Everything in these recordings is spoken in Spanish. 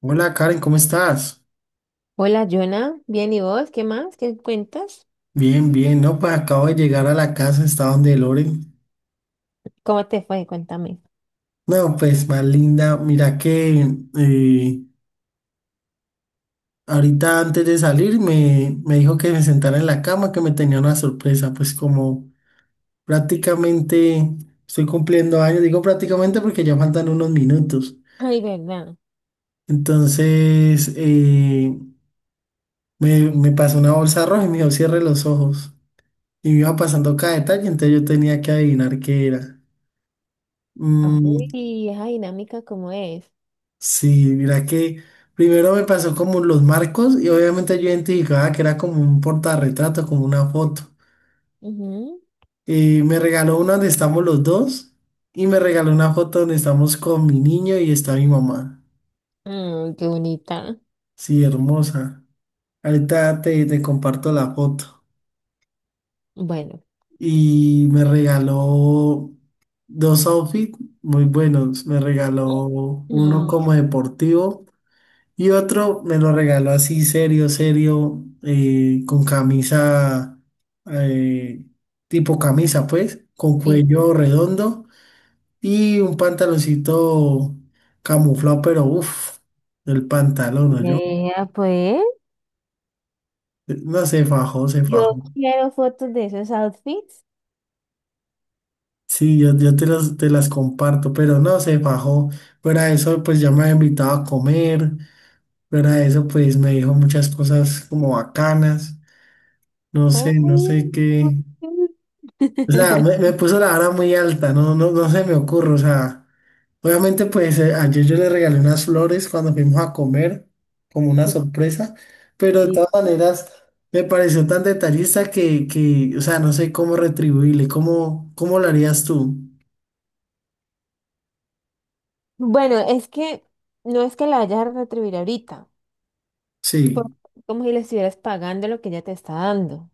Hola, Karen, ¿cómo estás? Hola, Jonah. Bien, ¿y vos? ¿Qué más? ¿Qué cuentas? Bien, bien, no, pues acabo de llegar a la casa, está donde Loren. ¿Cómo te fue? Cuéntame. No, pues más linda, mira que eh, ahorita antes de salir me dijo que me sentara en la cama, que me tenía una sorpresa, pues como prácticamente estoy cumpliendo años, digo prácticamente porque ya faltan unos minutos. Ay, ¿verdad? Entonces, me pasó una bolsa roja y me dijo cierre los ojos. Y me iba pasando cada detalle, entonces yo tenía que adivinar qué era. Mm. Ay, esa dinámica, ¿cómo es? Sí, mira que primero me pasó como los marcos y obviamente yo identificaba que era como un portarretrato, como una foto. Ujú. Y me regaló una donde estamos los dos, y me regaló una foto donde estamos con mi niño y está mi mamá. Mm, qué bonita. Sí, hermosa. Ahorita te comparto la foto. Bueno. Y me regaló dos outfits muy buenos. Me regaló uno Mm. como deportivo. Y otro me lo regaló así, serio, serio, con camisa, eh, tipo camisa, pues, con Sí. cuello redondo y un pantaloncito camuflado, pero uff, el pantalón, yo. Vea, pues. No, se fajó, se fajó. Yo quiero fotos de esos outfits. Sí, yo te las comparto, pero no, se fajó. Fuera de eso, pues ya me había invitado a comer. Fuera de eso, pues me dijo muchas cosas como bacanas. No sé, no sé Oh. qué. O sea, me puso la vara muy alta, no, no, no se me ocurre. O sea, obviamente, pues ayer yo le regalé unas flores cuando fuimos a comer, como una Sí, sorpresa, pero de sí. todas maneras me pareció tan detallista que o sea, no sé cómo retribuirle, cómo, cómo lo harías tú. Bueno, es que no es que la vayas a retribuir ahorita. Sí, Como si le estuvieras pagando lo que ella te está dando.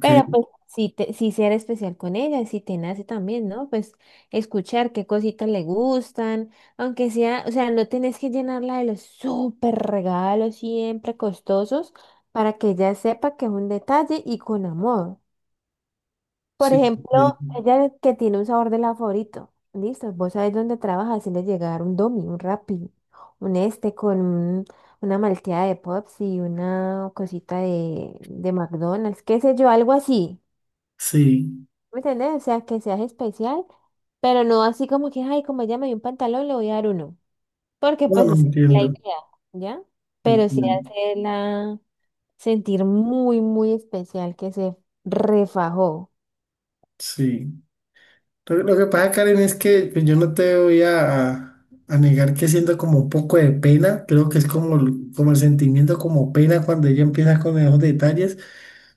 Pero pues sí, te, sí ser especial con ella, si te nace también, ¿no? Pues escuchar qué cositas le gustan, aunque sea, o sea, no tenés que llenarla de los súper regalos siempre costosos para que ella sepa que es un detalle y con amor. Por sí, ejemplo, entiendo. ella que tiene un sabor de helado favorito, listo, vos sabés dónde trabaja, le llegar un Domi, un Rappi, un este con un- una malteada de Pops y una cosita de McDonald's, qué sé yo, algo así. Sí, ¿Me entendés? O sea, que seas especial, pero no así como que, ay, como ella me dio un pantalón, le voy a dar uno. Porque no, pues no esa es la entiendo, idea, ¿ya? Pero sí entiendo, hacerla sentir muy, muy especial, que se refajó. sí. Lo que pasa, Karen, es que pues, yo no te voy a, a negar que siento como un poco de pena, creo que es como, como el sentimiento como pena cuando ella empieza con esos detalles,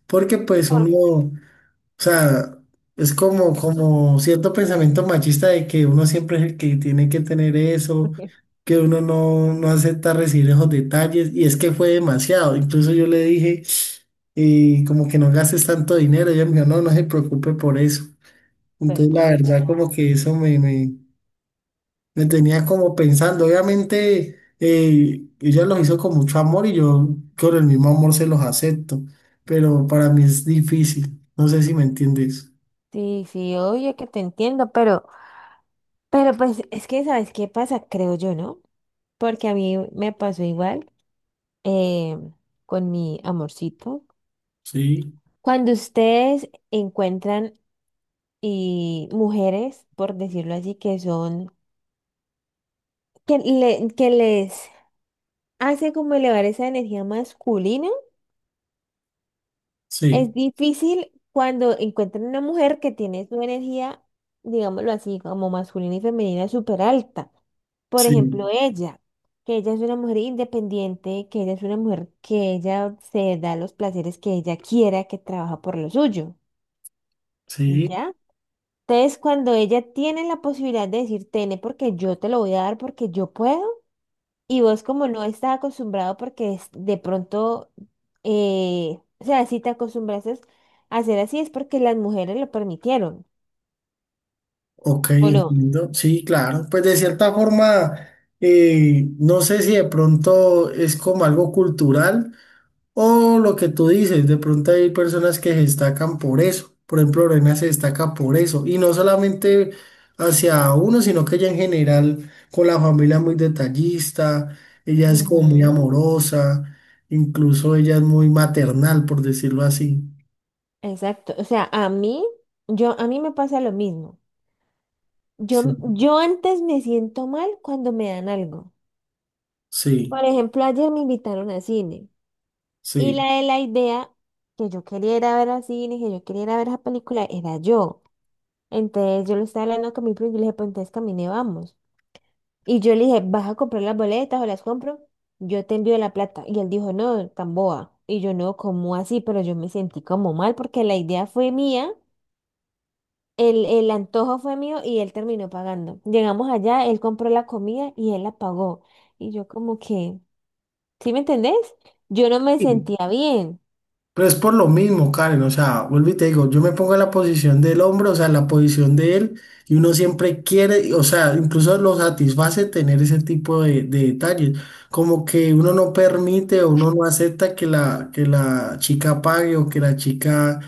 porque pues uno, o sea, es como, como cierto pensamiento machista de que uno siempre es el que tiene que tener eso, que uno no, no acepta recibir esos detalles, y es que fue demasiado, incluso yo le dije, como que no gastes tanto dinero, ella me dijo, no, no se preocupe por eso. Pues Entonces, la verdad, pucha. como que eso me, me tenía como pensando. Obviamente, ella los hizo con mucho amor y yo con el mismo amor se los acepto, pero para mí es difícil. No sé si me entiendes. Sí, sí, obvio que te entiendo, pero pues es que, ¿sabes qué pasa? Creo yo, ¿no? Porque a mí me pasó igual eh, con mi amorcito. Sí, Cuando ustedes encuentran y mujeres, por decirlo así, que son, que, le- que les hace como elevar esa energía masculina. sí, Es difícil cuando encuentran una mujer que tiene su energía, digámoslo así, como masculina y femenina súper alta. Por sí, ejemplo, ella, que ella es una mujer independiente, que ella es una mujer que ella se da los placeres que ella quiera, que trabaja por lo suyo, sí. ¿ya? Entonces, cuando ella tiene la posibilidad de decir, tene, porque yo te lo voy a dar, porque yo puedo, y vos como no estás acostumbrado porque es- de pronto, o sea, si te acostumbraste a hacer así es porque las mujeres lo permitieron, Ok, ¿o no? entiendo. Sí, claro. Pues de cierta forma, no sé si de pronto es como algo cultural, o lo que tú dices, de pronto hay personas que se destacan por eso. Por ejemplo, Lorena se destaca por eso. Y no solamente hacia uno, sino que ella en general con la familia es muy detallista, ella es como muy Ujú. amorosa, incluso ella es muy maternal, por decirlo así. Exacto. O sea, a mí, yo, a mí me pasa lo mismo. Sí, Yo antes me siento mal cuando me dan algo. Por sí, ejemplo, ayer me invitaron al cine y la de la idea que yo quería ir a ver al cine, que yo quería ir a ver esa película, era yo. Entonces yo lo estaba hablando con mi primo y yo le dije, pues entonces camine, vamos. Y yo le dije, ¿vas a comprar las boletas o las compro? Yo te envío la plata. Y él dijo, no, tan boba. Y yo no, ¿cómo así? Pero yo me sentí como mal porque la idea fue mía, el antojo fue mío y él terminó pagando. Llegamos allá, él compró la comida y él la pagó. Y yo como que, ¿sí me entendés? Yo no me sí. sentía bien, Pero es por lo mismo, Karen, o sea, vuelvo y te digo, yo me pongo en la posición del hombre, o sea, en la posición de él, y uno siempre quiere, o sea, incluso lo satisface tener ese tipo de detalles, como que uno no permite o uno no acepta que la chica pague o que la chica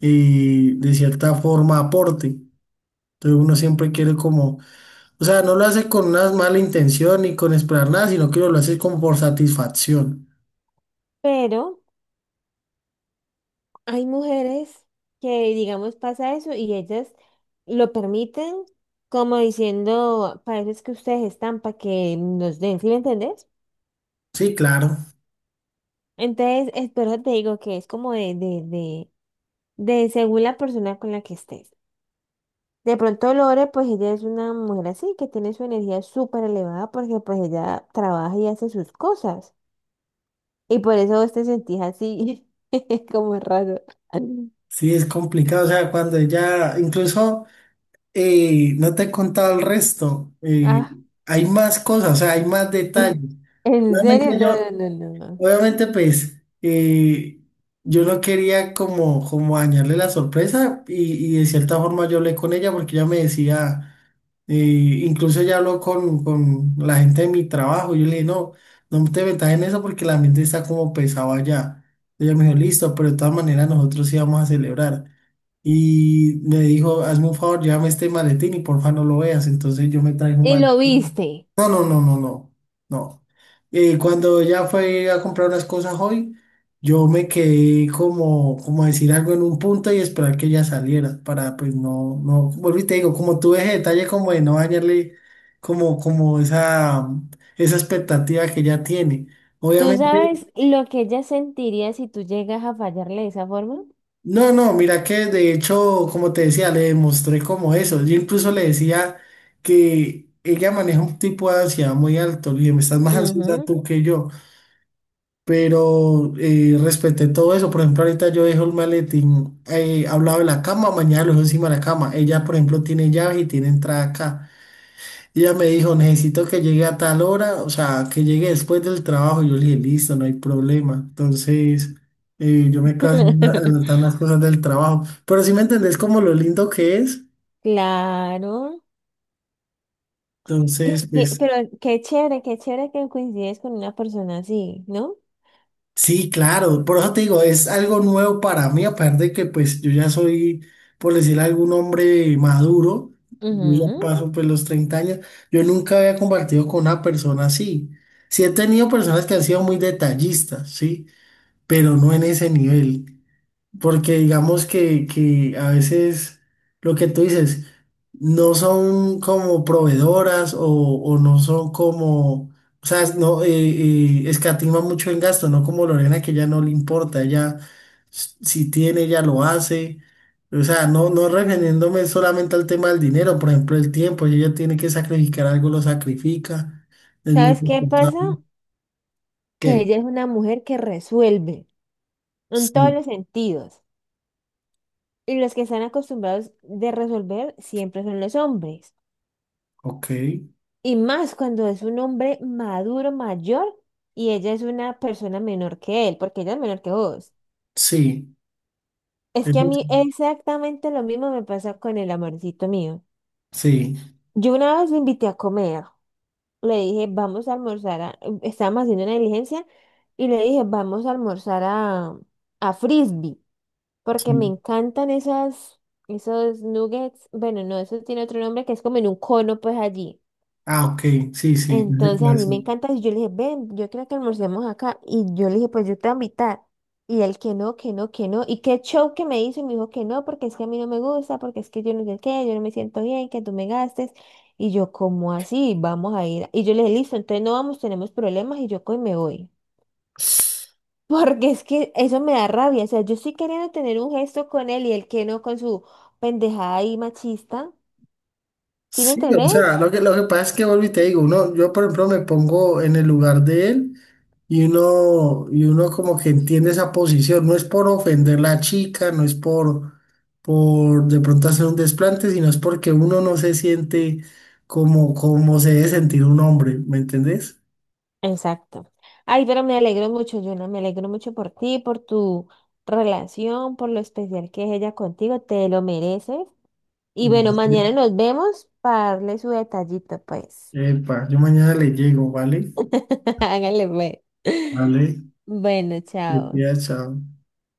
de cierta forma aporte. Entonces uno siempre quiere como, o sea, no lo hace con una mala intención ni con esperar nada, sino que uno lo hace como por satisfacción. pero... Hay mujeres que, digamos, pasa eso y ellas lo permiten como diciendo, para eso es que ustedes están, para que nos den, ¿sí me entendés? Sí, claro. Entonces, es, por eso te digo que es como de según la persona con la que estés. De pronto Lore, pues ella es una mujer así, que tiene su energía súper elevada porque pues ella trabaja y hace sus cosas. Y por eso vos te sentís así, como raro. Sí, es complicado, o sea, cuando ya, incluso no te he contado el resto, Ah, hay más cosas, o sea, hay más detalles. en Realmente serio, no, yo. no, no, no. Obviamente, pues yo no quería como, como dañarle la sorpresa y de cierta forma yo hablé con ella porque ella me decía, incluso ella habló con la gente de mi trabajo, yo le dije, no, no te metas en eso porque la mente está como pesado allá. Ella me dijo, listo, pero de todas maneras nosotros íbamos a celebrar. Y me dijo, hazme un favor, llévame este maletín y porfa no lo veas. Entonces yo me traje un Y lo maletín. viste. No, no, no, no, no, no. Cuando ya fue a comprar unas cosas hoy, yo me quedé como, como decir algo en un punto y esperar que ella saliera para pues no, no, vuelvo y te digo, como tuve ese detalle como de no dañarle como, como esa expectativa que ella tiene. ¿Tú Obviamente, sabes lo que ella sentiría si tú llegas a fallarle de esa forma? no, no, mira que de hecho, como te decía, le demostré como eso. Yo incluso le decía que ella maneja un tipo de ansiedad muy alto, le dije, me estás más ansiosa Ujú. tú que yo. Pero respeté todo eso. Por ejemplo, ahorita yo dejo el maletín al lado de la cama, mañana lo dejo encima de la cama. Ella, por ejemplo, tiene llave y tiene entrada acá. Ella me dijo, necesito que llegue a tal hora, o sea, que llegue después del trabajo. Yo le dije, listo, no hay problema. Entonces, yo me quedo adelantando las cosas del trabajo. Pero si me entendés como lo lindo que es, Claro. Y entonces, qué- pues. pero qué chévere que coincides con una persona así, ¿no? Sí, claro, por eso te digo, es algo nuevo para mí, aparte de que pues yo ya soy, por decir algún hombre maduro, yo ya Ujú. paso pues los 30 años, yo nunca había compartido con una persona así. Sí he tenido personas que han sido muy detallistas, sí, pero no en ese nivel. Porque digamos que a veces lo que tú dices, no son como proveedoras o no son como, o sea, no, escatima mucho en gasto, no como Lorena que ya no le importa, ella si tiene, ella lo hace. O sea, no, no refiriéndome solamente al tema del dinero, por ejemplo, el tiempo, si ella tiene que sacrificar algo, lo sacrifica, es muy ¿Sabes qué responsable. pasa? Que ¿Qué? ella es una mujer que resuelve en todos Sí, los sentidos. Y los que están acostumbrados de resolver siempre son los hombres. ok, Y más cuando es un hombre maduro, mayor, y ella es una persona menor que él, porque ella es menor que vos. sí, Es que a eso mí exactamente lo mismo me pasa con el amorcito mío. sí, Yo una vez lo invité a comer. Le dije, vamos a almorzar a... Estábamos haciendo una diligencia y le dije, vamos a almorzar a Frisbee, porque me sí. encantan esas, esos nuggets. Bueno, no, eso tiene otro nombre que es como en un cono, pues allí. Ah, ok, sí, sí, no sé Entonces a cuáles mí me son. encanta y yo le dije, ven, yo creo que almorcemos acá. Y yo le dije, pues yo te voy a invitar. Y él que no, que no, que no. Y qué show que me hizo y me dijo que no, porque es que a mí no me gusta, porque es que yo no sé qué, yo no me siento bien, que tú me gastes. Y yo, ¿cómo así? Vamos a ir. Y yo le dije, listo, entonces no vamos, tenemos problemas y yo cojo y me voy. Porque es que eso me da rabia. O sea, yo estoy queriendo tener un gesto con él y él que no con su pendejada y machista. ¿Sí me Sí, o entendés? sea, lo que pasa es que vuelvo y te digo, uno, yo por ejemplo me pongo en el lugar de él y uno como que entiende esa posición, no es por ofender la chica, no es por de pronto hacer un desplante, sino es porque uno no se siente como, como se debe sentir un hombre, ¿me entendés? Exacto. Ay, pero me alegro mucho, Yuna, me alegro mucho por ti, por tu relación, por lo especial que es ella contigo, te lo mereces. Y bueno, mañana Gracias. nos vemos para darle su detallito, pues. Epa, yo mañana le llego, ¿vale? Hágale, pues. Vale, Bueno, te chao. cuidas, chao.